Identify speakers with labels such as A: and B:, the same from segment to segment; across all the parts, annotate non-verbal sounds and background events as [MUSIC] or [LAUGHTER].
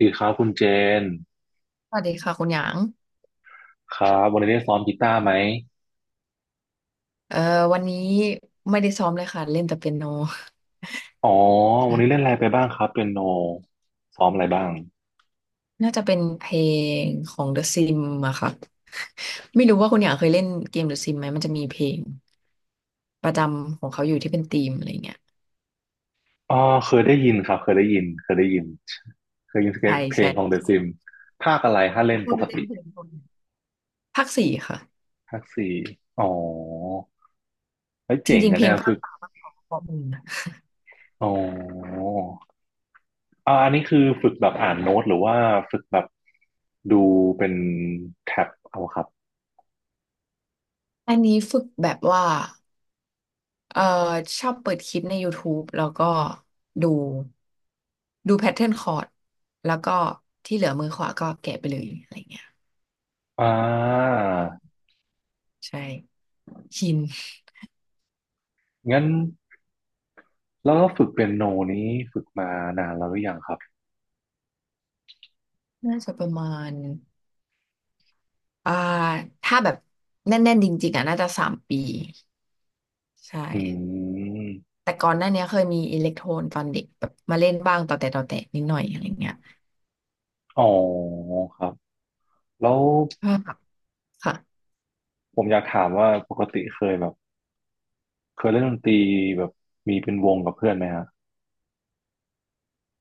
A: ดีครับคุณเจน
B: สวัสดีค่ะคุณหยาง
A: ครับวันนี้ได้ซ้อมกีตาร์ไหม
B: เอ่อวันนี้ไม่ได้ซ้อมเลยค่ะเล่นแต่เปียโน
A: อ๋อวันนี้เล่น
B: ค่ะ
A: อะไรไปบ้างครับเปียโนซ้อมอะไรบ้าง
B: น่าจะเป็นเพลงของ The Sim อะค่ะ ไม่รู้ว่าคุณหยางเคยเล่นเกม The Sim ไหมมันจะมีเพลงประจำของเขาอยู่ที่เป็นธีมอะไรเงี้ย
A: อ๋อเคยได้ยินครับเคยได้ยินเคยได้ยินเคยยิน
B: ใช่
A: เพล
B: ใช่
A: งของเด e s ซิมภาคอะไรถ้าเล่น
B: ชอ
A: ป
B: บ
A: ก
B: เล่
A: ติ
B: นเพลงคกนภาคสี่ค่ะ
A: ภาคสี่อ๋อไว้ย
B: จ
A: เจ๋ง
B: ริงๆ
A: กัน
B: เพล
A: เนี่
B: ง
A: ย
B: ภา
A: ฝึ
B: ค
A: ก
B: สามภาคสองข้อมูลนะ
A: อ๋ออ่าอันนี้คือฝึกแบบอ่านโน้ตหรือว่าฝึกแบบดูเป็นแท็บเอาครับ
B: อันนี้ฝึกแบบว่า เอ่อชอบเปิดคลิปใน YouTube แล้วก็ดูดูแพทเทิร์นคอร์ดแล้วก็ที่เหลือมือขวาก็แกะไปเลยอะไรเงี้ย
A: อ่า
B: ใช่ชิน
A: งั้นแล้วก็ฝึกเปียโนนี้ฝึกมานานแล้วหรือยังครับ
B: น่าจะประมาณอ่าถ้าแบบแน่นๆจริงๆอ่ะน่าจะสามปีใช่
A: อืม
B: แต่ก่อนหน้าเนี้ยเคยมีอิเล็กโทรนตอนเด็กแบบมาเล่นบ้างต่อแต่นิดหน่อยอะไรเงี้ย
A: อ๋อครับแล้ว
B: ก็แบบค่ะ
A: ผมอยากถามว่าปกติเคยแบบเคยเล่นดนตรีแบบมีเป็นวงกับเพื่อนไหมฮะ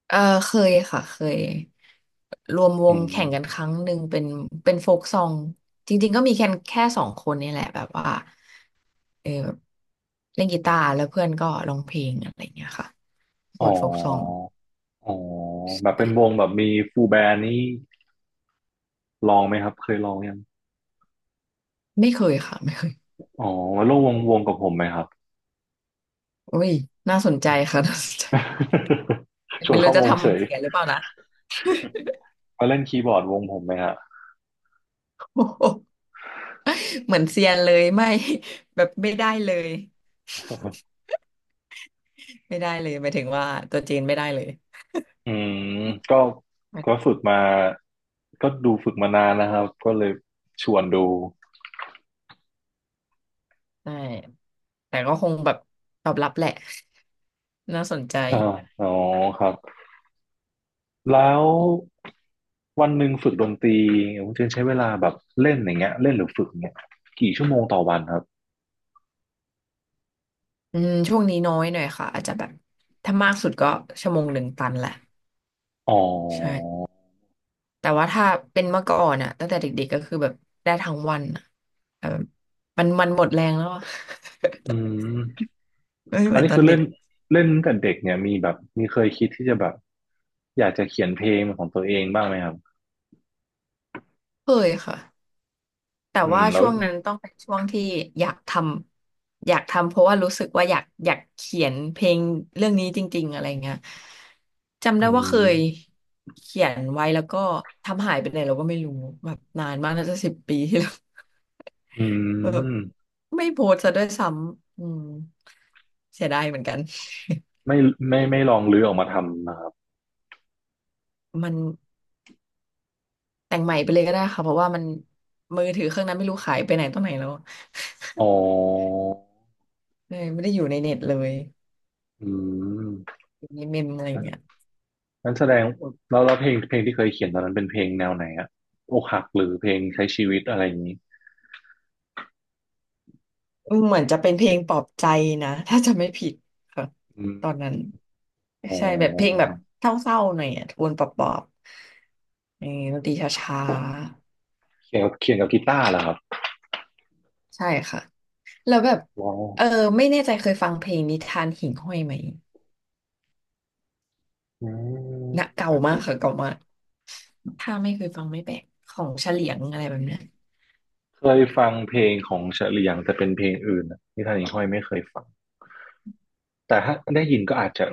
B: เออเคยค่ะเคยรวมว
A: อื
B: งแข่งกันค
A: ม
B: รั้งหนึ่งเป็นเป็นโฟกซองจริงๆก็มีแค่สองคนนี่แหละแบบว่าเออแบบเล่นกีตาร์แล้วเพื่อนก็ร้องเพลงอะไรเงี้ยค่ะ
A: อ๋
B: บทโฟกซอง
A: ออ๋อ
B: ใช
A: แบบเป็นว
B: ่
A: งแบบมีฟูลแบนด์นี่ลองไหมครับเคยลองยัง
B: ไม่เคยค่ะไม่เคย
A: อ๋อมาร่วมวงกับผมไหมครับ
B: อุ้ยน่าสนใจค่ะ [LAUGHS] น่าสนใจ
A: [LAUGHS] ชว
B: ไม่
A: น
B: รู้
A: เข้า
B: จะ
A: ว
B: ท
A: งเฉย
B: ำเสียหรือเปล่านะ
A: มาเล่นคีย์บอร์ดวงผมไหมฮะ
B: [LAUGHS] โอ้โหเหมือนเซียนเลยไม่ [LAUGHS] แบบไม่ได้เลยไม่ได้เลยหมายถึงว่าตัวจีนไม่ได้เลย
A: อืมก็ก็ฝึกมาฝึกมานานนะครับก็เลยชวนดู
B: ใช่แต่ก็คงแบบตอบรับแหละ [LAUGHS] น่าสนใจ
A: [LAUGHS] อ่าอ๋อครับ แล้ววันหนึ่งฝึกดนตรีคุณเจนใช้เวลาแบบเล่นอย่างเงี้ยเล่นหรือฝึกอย่างเงี้ยกี่ชั่วโมงต่อวันครับ
B: อืมช่วงนี้น้อยหน่อยค่ะอาจจะแบบถ้ามากสุดก็ชั่วโมงหนึ่งตันแหละ
A: อ๋อ
B: ใช่แต่ว่าถ้าเป็นเมื่อก่อนอะตั้งแต่เด็กๆก็คือแบบได้ทั้งวันอะแบบมันหมดแรงแล้วอะ
A: อืม
B: [LAUGHS] ไม่เห
A: อั
B: มื
A: น
B: อน
A: นี้
B: ตอ
A: คื
B: น
A: อ
B: เด็
A: เล่
B: ก
A: นเล่นตั้งแต่เด็กเนี่ยมีแบบมีเคยคิดที่จะแบบอยากจะเขียนเพลงเป็นของตัวเองบ้างไหมครับ
B: เคยค่ะ แต่
A: อืม
B: ว่า
A: แล้ว
B: ช่วงนั้นต้องเป็นช่วงที่อยากทอยากทำเพราะว่ารู้สึกว่าอยากเขียนเพลงเรื่องนี้จริงๆอะไรเงี้ยจำ
A: อื
B: ได้ว่าเคย
A: ม
B: เขียนไว้แล้วก็ทำหายไปไหนเราก็ไม่รู้แบบนานมากน่าจะสิบปีที่แล้ว [LAUGHS]
A: อื
B: แบบ
A: ม
B: ไม่โพสต์ซะด้วยซ้ำอืมเสียดายเหมือนกัน
A: ไม่ไม่ลองรื้อออกมาทำนะครับ
B: [LAUGHS] มันแต่งใหม่ไปเลยก็ได้ค่ะเพราะว่ามันมือถือเครื่องนั้นไม่รู้ขายไปไหนตรงไหนแล้ว
A: อ๋อ
B: เลยไม่ได้อยู่ในเน็ตเลย
A: อื
B: อยู่ในเมมอะไรเงี้ย
A: ม นั้นแสดงแล้วแล้วเพลงที่เคยเขียนตอนนั้นเป็นเพลงแนวไหนอะอกหักหรือเพลงใช้ชีวิตอะไรอย่างนี้
B: เหมือนจะเป็นเพลงปลอบใจนะ [LAUGHS] ถ้าจะไม่ผิดค่ะ
A: อืม
B: ตอนนั้น
A: อ๋อ
B: ใช่แบบเพลงแบ
A: ค
B: บ
A: รับ
B: เศร้าๆหน่อยอ่ะโทนปลอบๆเออดนตรีช้า
A: เขียนกับกีตาร์เหรอครับ
B: ๆใช่ค่ะแล้วแบบ
A: ว้าว
B: เออไม่แน่ใจเคยฟังเพลงนิทานหิ่งห้อยไหม
A: อืม
B: นะเก่า
A: อาจ
B: มา
A: จะ
B: กค่ะเก่ามากถ้าไม่เคยฟังไม่แปลกของเฉลียงอะไรแบบเนี้ย
A: เคยฟังเพลงของเฉลียงแต่เป็นเพลงอื่นอะนิทานหญิงห้อยไม่เคยฟังแต่ถ้าได้ยินก็อาจจะ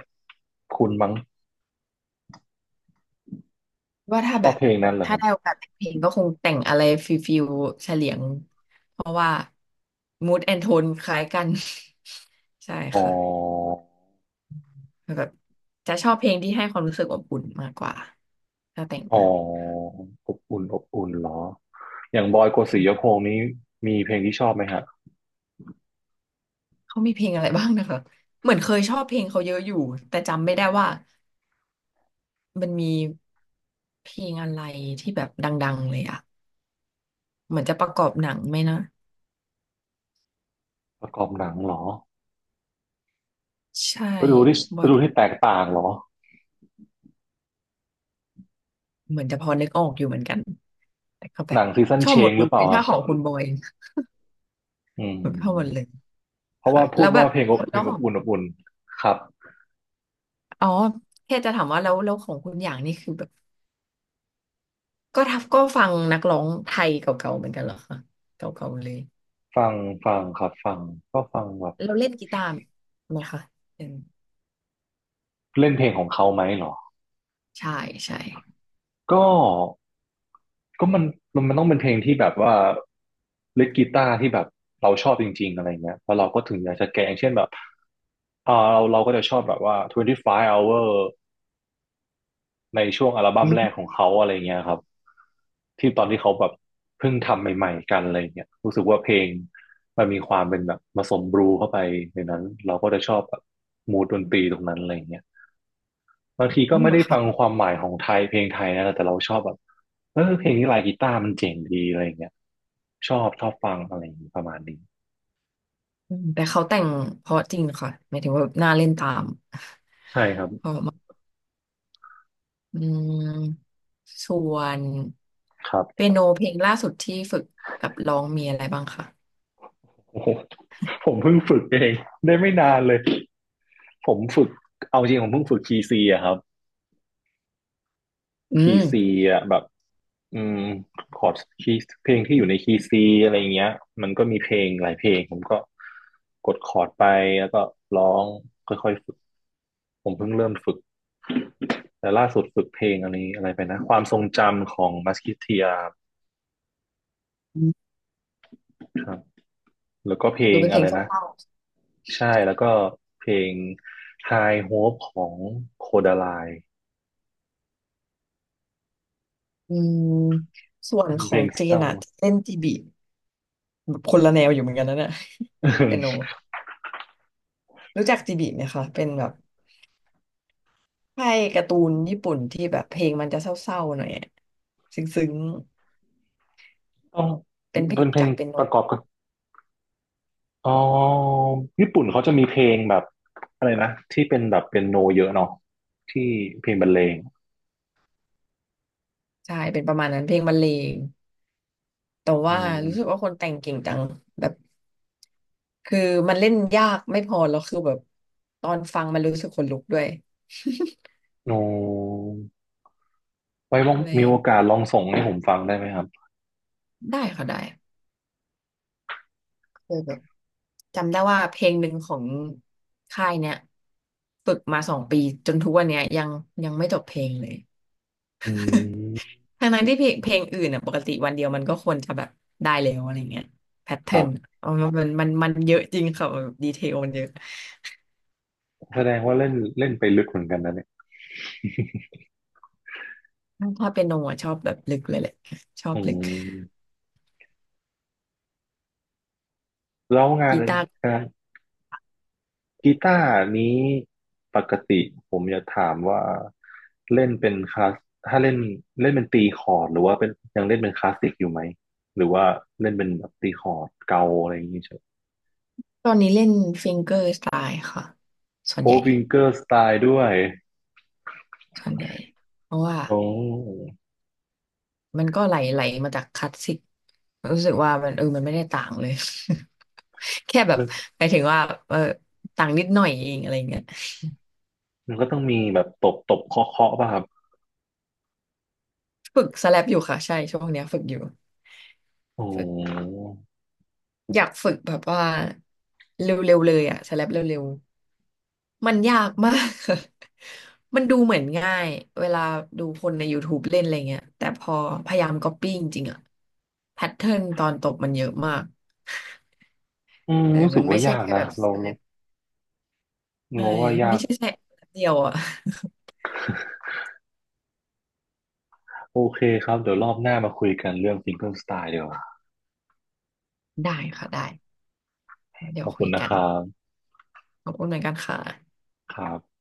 A: คุ้นมั้ง
B: ว่าถ้า
A: ชอ
B: แบ
A: บ
B: บ
A: เพลงนั้นเหรอค
B: ถ้า
A: รับ
B: ได้โอกาสแต่งเพลงก็คงแต่งอะไรฟิลฟิลเฉลียงมูดแอนโทนคล้ายกัน [LAUGHS] ใช่
A: อ๋อ
B: ค่ะ แบบจะชอบเพลงที่ให้ความรู้สึกอบอุ่นมากกว่าถ้าแต่ง
A: อ๋อ
B: นะ
A: อบอุ่นอบอุ่นเหรออย่างบอยโกสิ
B: อื
A: ย
B: ม
A: พงษ์นี้มีเพลงที่ชอบไหมฮะ
B: เขามีเพลงอะไรบ้างนะคะเหมือนเคยชอบเพลงเขาเยอะอยู่แต่จำไม่ได้ว่ามันมีเพลงอะไรที่แบบดังๆเลยอะเหมือนจะประกอบหนังไหมนะ
A: ประกอบหนังเหรอ
B: ใช่
A: ฤดูที่
B: บอ
A: ฤ
B: ย
A: ดูที่แตกต่างเหรอ
B: เหมือนจะพอนึกออกอยู่เหมือนกันแต่ก็แบ
A: ห
B: บ
A: นังซีซัน
B: ชอ
A: เช
B: บหมด
A: ง
B: เล
A: หรือเปล่า
B: ย
A: ค
B: ถ้า
A: รับ
B: ของคุณบอย
A: อื
B: แบบชอบหมดเลย
A: มเพราะ
B: ค่ะ
A: ว่าพู
B: แล้
A: ด
B: วแบ
A: ว่า
B: บ
A: เพลงอบเพ
B: แล้
A: ลง
B: ว
A: อ
B: ข
A: บ
B: อง
A: อุ่นอบอุ่นครับ
B: อ๋อแค่จะถามว่าแล้วของคุณอย่างนี่คือแบบ ก็ทับก็ฟังนักร้องไทยเก่าๆเหมือนกันเหรอคะเก่าๆเลย
A: ฟังฟังครับก็ฟังแบบ
B: เราเล่นกีตาร์ไหมคะเป็น
A: เล่นเพลงของเขาไหมเหรอ
B: ใช่ใช่
A: ก็ก็มันต้องเป็นเพลงที่แบบว่าเล่นกีตาร์ที่แบบเราชอบจริงๆอะไรเงี้ยแล้วเราก็ถึงอยากจะแกะอย่างเช่นแบบอ่าเราก็จะชอบแบบว่า25 hour ในช่วงอัลบั้
B: อื
A: มแรก
B: ม
A: ของเขาอะไรเงี้ยครับที่ตอนที่เขาแบบเพิ่งทำใหม่ๆกันอะไรเงี้ยรู้สึกว่าเพลงมันมีความเป็นแบบผสมบลูเข้าไปในนั้นเราก็จะชอบแบบมูดดนตรีตรงนั้นอะไรเงี้ยบางที
B: อ๋
A: ก็
B: อ
A: ไม่
B: เหรอ
A: ได้ฟัง
B: คะ
A: ความหมายของไทยเพลงไทยนะแต่เราชอบแบบเออเพลงนี้ลายกีตาร์มันเจ๋งดีอะไรเงี้ยชอบฟังอะไรอย่างงี้ประมาณนี้
B: อืมแต่เขาแต่งเพราะจริงค่ะหมายถึงว่าน่าเล่นตาม
A: ใช่ครับ
B: อืมส่วน
A: ครับ
B: เปียโนเพลงล่าสุดที่ฝึกกับร้องมีอะไรบ้างคะ
A: โอ้โหผมเพิ่งฝึกเองได้ไม่นานเลยผมฝึกเอาจริงผมเพิ่งฝึกคีย์ซีอะครับ
B: อื
A: คีย์
B: ม
A: ซีอ่ะแบบอืมคอร์ดคีย์เพลงที่อยู่ในคีย์ซีอะไรอย่างเงี้ยมันก็มีเพลงหลายเพลงผมก็กดคอร์ดไปแล้วก็ร้องค่อยๆฝึกผมเพิ่งเริ่มฝึกแต่ล่าสุดฝึกเพลงอันนี้อะไรไปนะความทรงจำของมัสคิเทีย
B: อืม
A: ครับแล้วก็เพล
B: ดู
A: ง
B: เป็นเพ
A: อะ
B: ล
A: ไร
B: งเศร้
A: นะ
B: า
A: ใช่แล้วก็เพลง High Hope ของโคดาไล
B: ๆอืมส่วนข
A: เพ
B: อ
A: ล
B: ง
A: ง
B: เจ
A: เศ
B: น
A: ร้า
B: อะเล่นจีบีคนละแนวอยู่เหมือนกันนะเนี่ย [LAUGHS] เปียโน
A: [LAUGHS]
B: รู้จักจีบีไหมคะเป็นแบบ ใช่การ์ตูนญี่ปุ่นที่แบบเพลงมันจะเศร้าๆหน่อยอะซึ้ง
A: ต้อง
B: ๆเป็นเพล
A: เป็น
B: ง
A: เพล
B: จา
A: ง
B: กเป็น
A: ป
B: โน้
A: ระ
B: ต
A: กอบกับ อ๋อญี่ปุ่นเขาจะมีเพลงแบบอะไรนะที่เป็นแบบเป็นโนเยอะเนาะที่เพลงบรรเลง
B: ใช่เป็นประมาณนั้นเพลงบรรเลงแต่
A: อื
B: ว่า
A: ม
B: รู้สึกว่าคนแต่งเก่งจังแบบคือมันเล่นยากไม่พอแล้วคือแบบตอนฟังมันรู้สึกขนลุกด้วย
A: โนไว้
B: [LAUGHS]
A: ว่าง
B: อ็ไร
A: มีโอกาสลองส่งให้ผมฟังได้ไหมครับ
B: ได้ค่ะได้เคยแบบจำได้ว่าเพลงหนึ่งของค่ายเนี้ยฝึกมาสองปีจนทุกวันเนี้ยยังไม่จบเพลงเลย
A: อืม
B: ทั้งนั้นที่เพลงอื่นอ่ะปกติวันเดียวมันก็ควรจะแบบได้แล้วอะไรเงี้ยแพท
A: ค
B: เทิ
A: รั
B: ร์น
A: บ
B: อ๋อมันเยอะจริงค่ะแบบดีเทลมันเยอะ
A: แสดงว่าเล่นเล่นไปลึกเหมือนกันนะเนี่ย
B: ถ้าเป็นโนอ่ะชอบแบบลึกเลยแหละชอบ
A: อื
B: ลึก
A: มแล้วงาน
B: กีตาร์
A: งานกีตาร์นี้ปกติผมจะถามว่าเล่นเป็นคลาสถ้าเล่นเล่นเป็นตีคอร์ดหรือว่าเป็นยังเล่นเป็นคลาสสิกอยู่ไหมหรือว่าเล่นเป็นแบบตีคอร์ดเกาอะไรอย่างนี้
B: ตอนนี้เล่นฟิงเกอร์สไตล์ค่ะส่วน
A: โอ
B: ใหญ่
A: วิงเกอร์สไตล์ด้วย
B: ส่วนใหญ่เพราะว่า
A: โอ้
B: มันก็ไหลมาจากคลาสสิกรู้สึกว่ามันเออมันไม่ได้ต่างเลย [LAUGHS] แค่แบบ
A: มัน
B: หมายถึงว่าเออต่างนิดหน่อยเองอะไรเงี้ย
A: มันก็ต้องมีแบบตบตบเคาะเคาะป่ะครับ
B: ฝึกสแลปอยู่ค่ะใช่ช่วงเนี้ยฝึกอยู่
A: โอ้
B: อยากฝึกแบบว่าเร็วๆเลยอะสแลปเร็วๆมันยากมาก [LAUGHS] มันดูเหมือนง่ายเวลาดูคนใน YouTube เล่นอะไรเงี้ยแต่พอพยายามก๊อปปี้จริงๆอะแพทเทิร์นตอนตบมันเยอะมาก
A: อืม
B: เออ
A: รู้สึ
B: มั
A: ก
B: นไม่
A: ว่า
B: ใช่
A: ยาก
B: แค่แบ
A: นะ
B: บส
A: เรา
B: แล
A: เรา
B: ปเออ
A: เราว่ายา
B: ไม่
A: ก
B: ใช่แค่เดียวอะ
A: โอเคครับ เดี๋ยวรอบหน้ามาคุยกันเรื่องซิงเกิลสไตล์ดีกว่า
B: [LAUGHS] ได้ค่ะได้เดี๋
A: ข
B: ยว
A: อบ
B: คุ
A: คุณ
B: ย
A: นะ
B: กั
A: ค
B: น
A: รับ
B: ขอบคุณเหมือนกันค่ะ
A: ครับ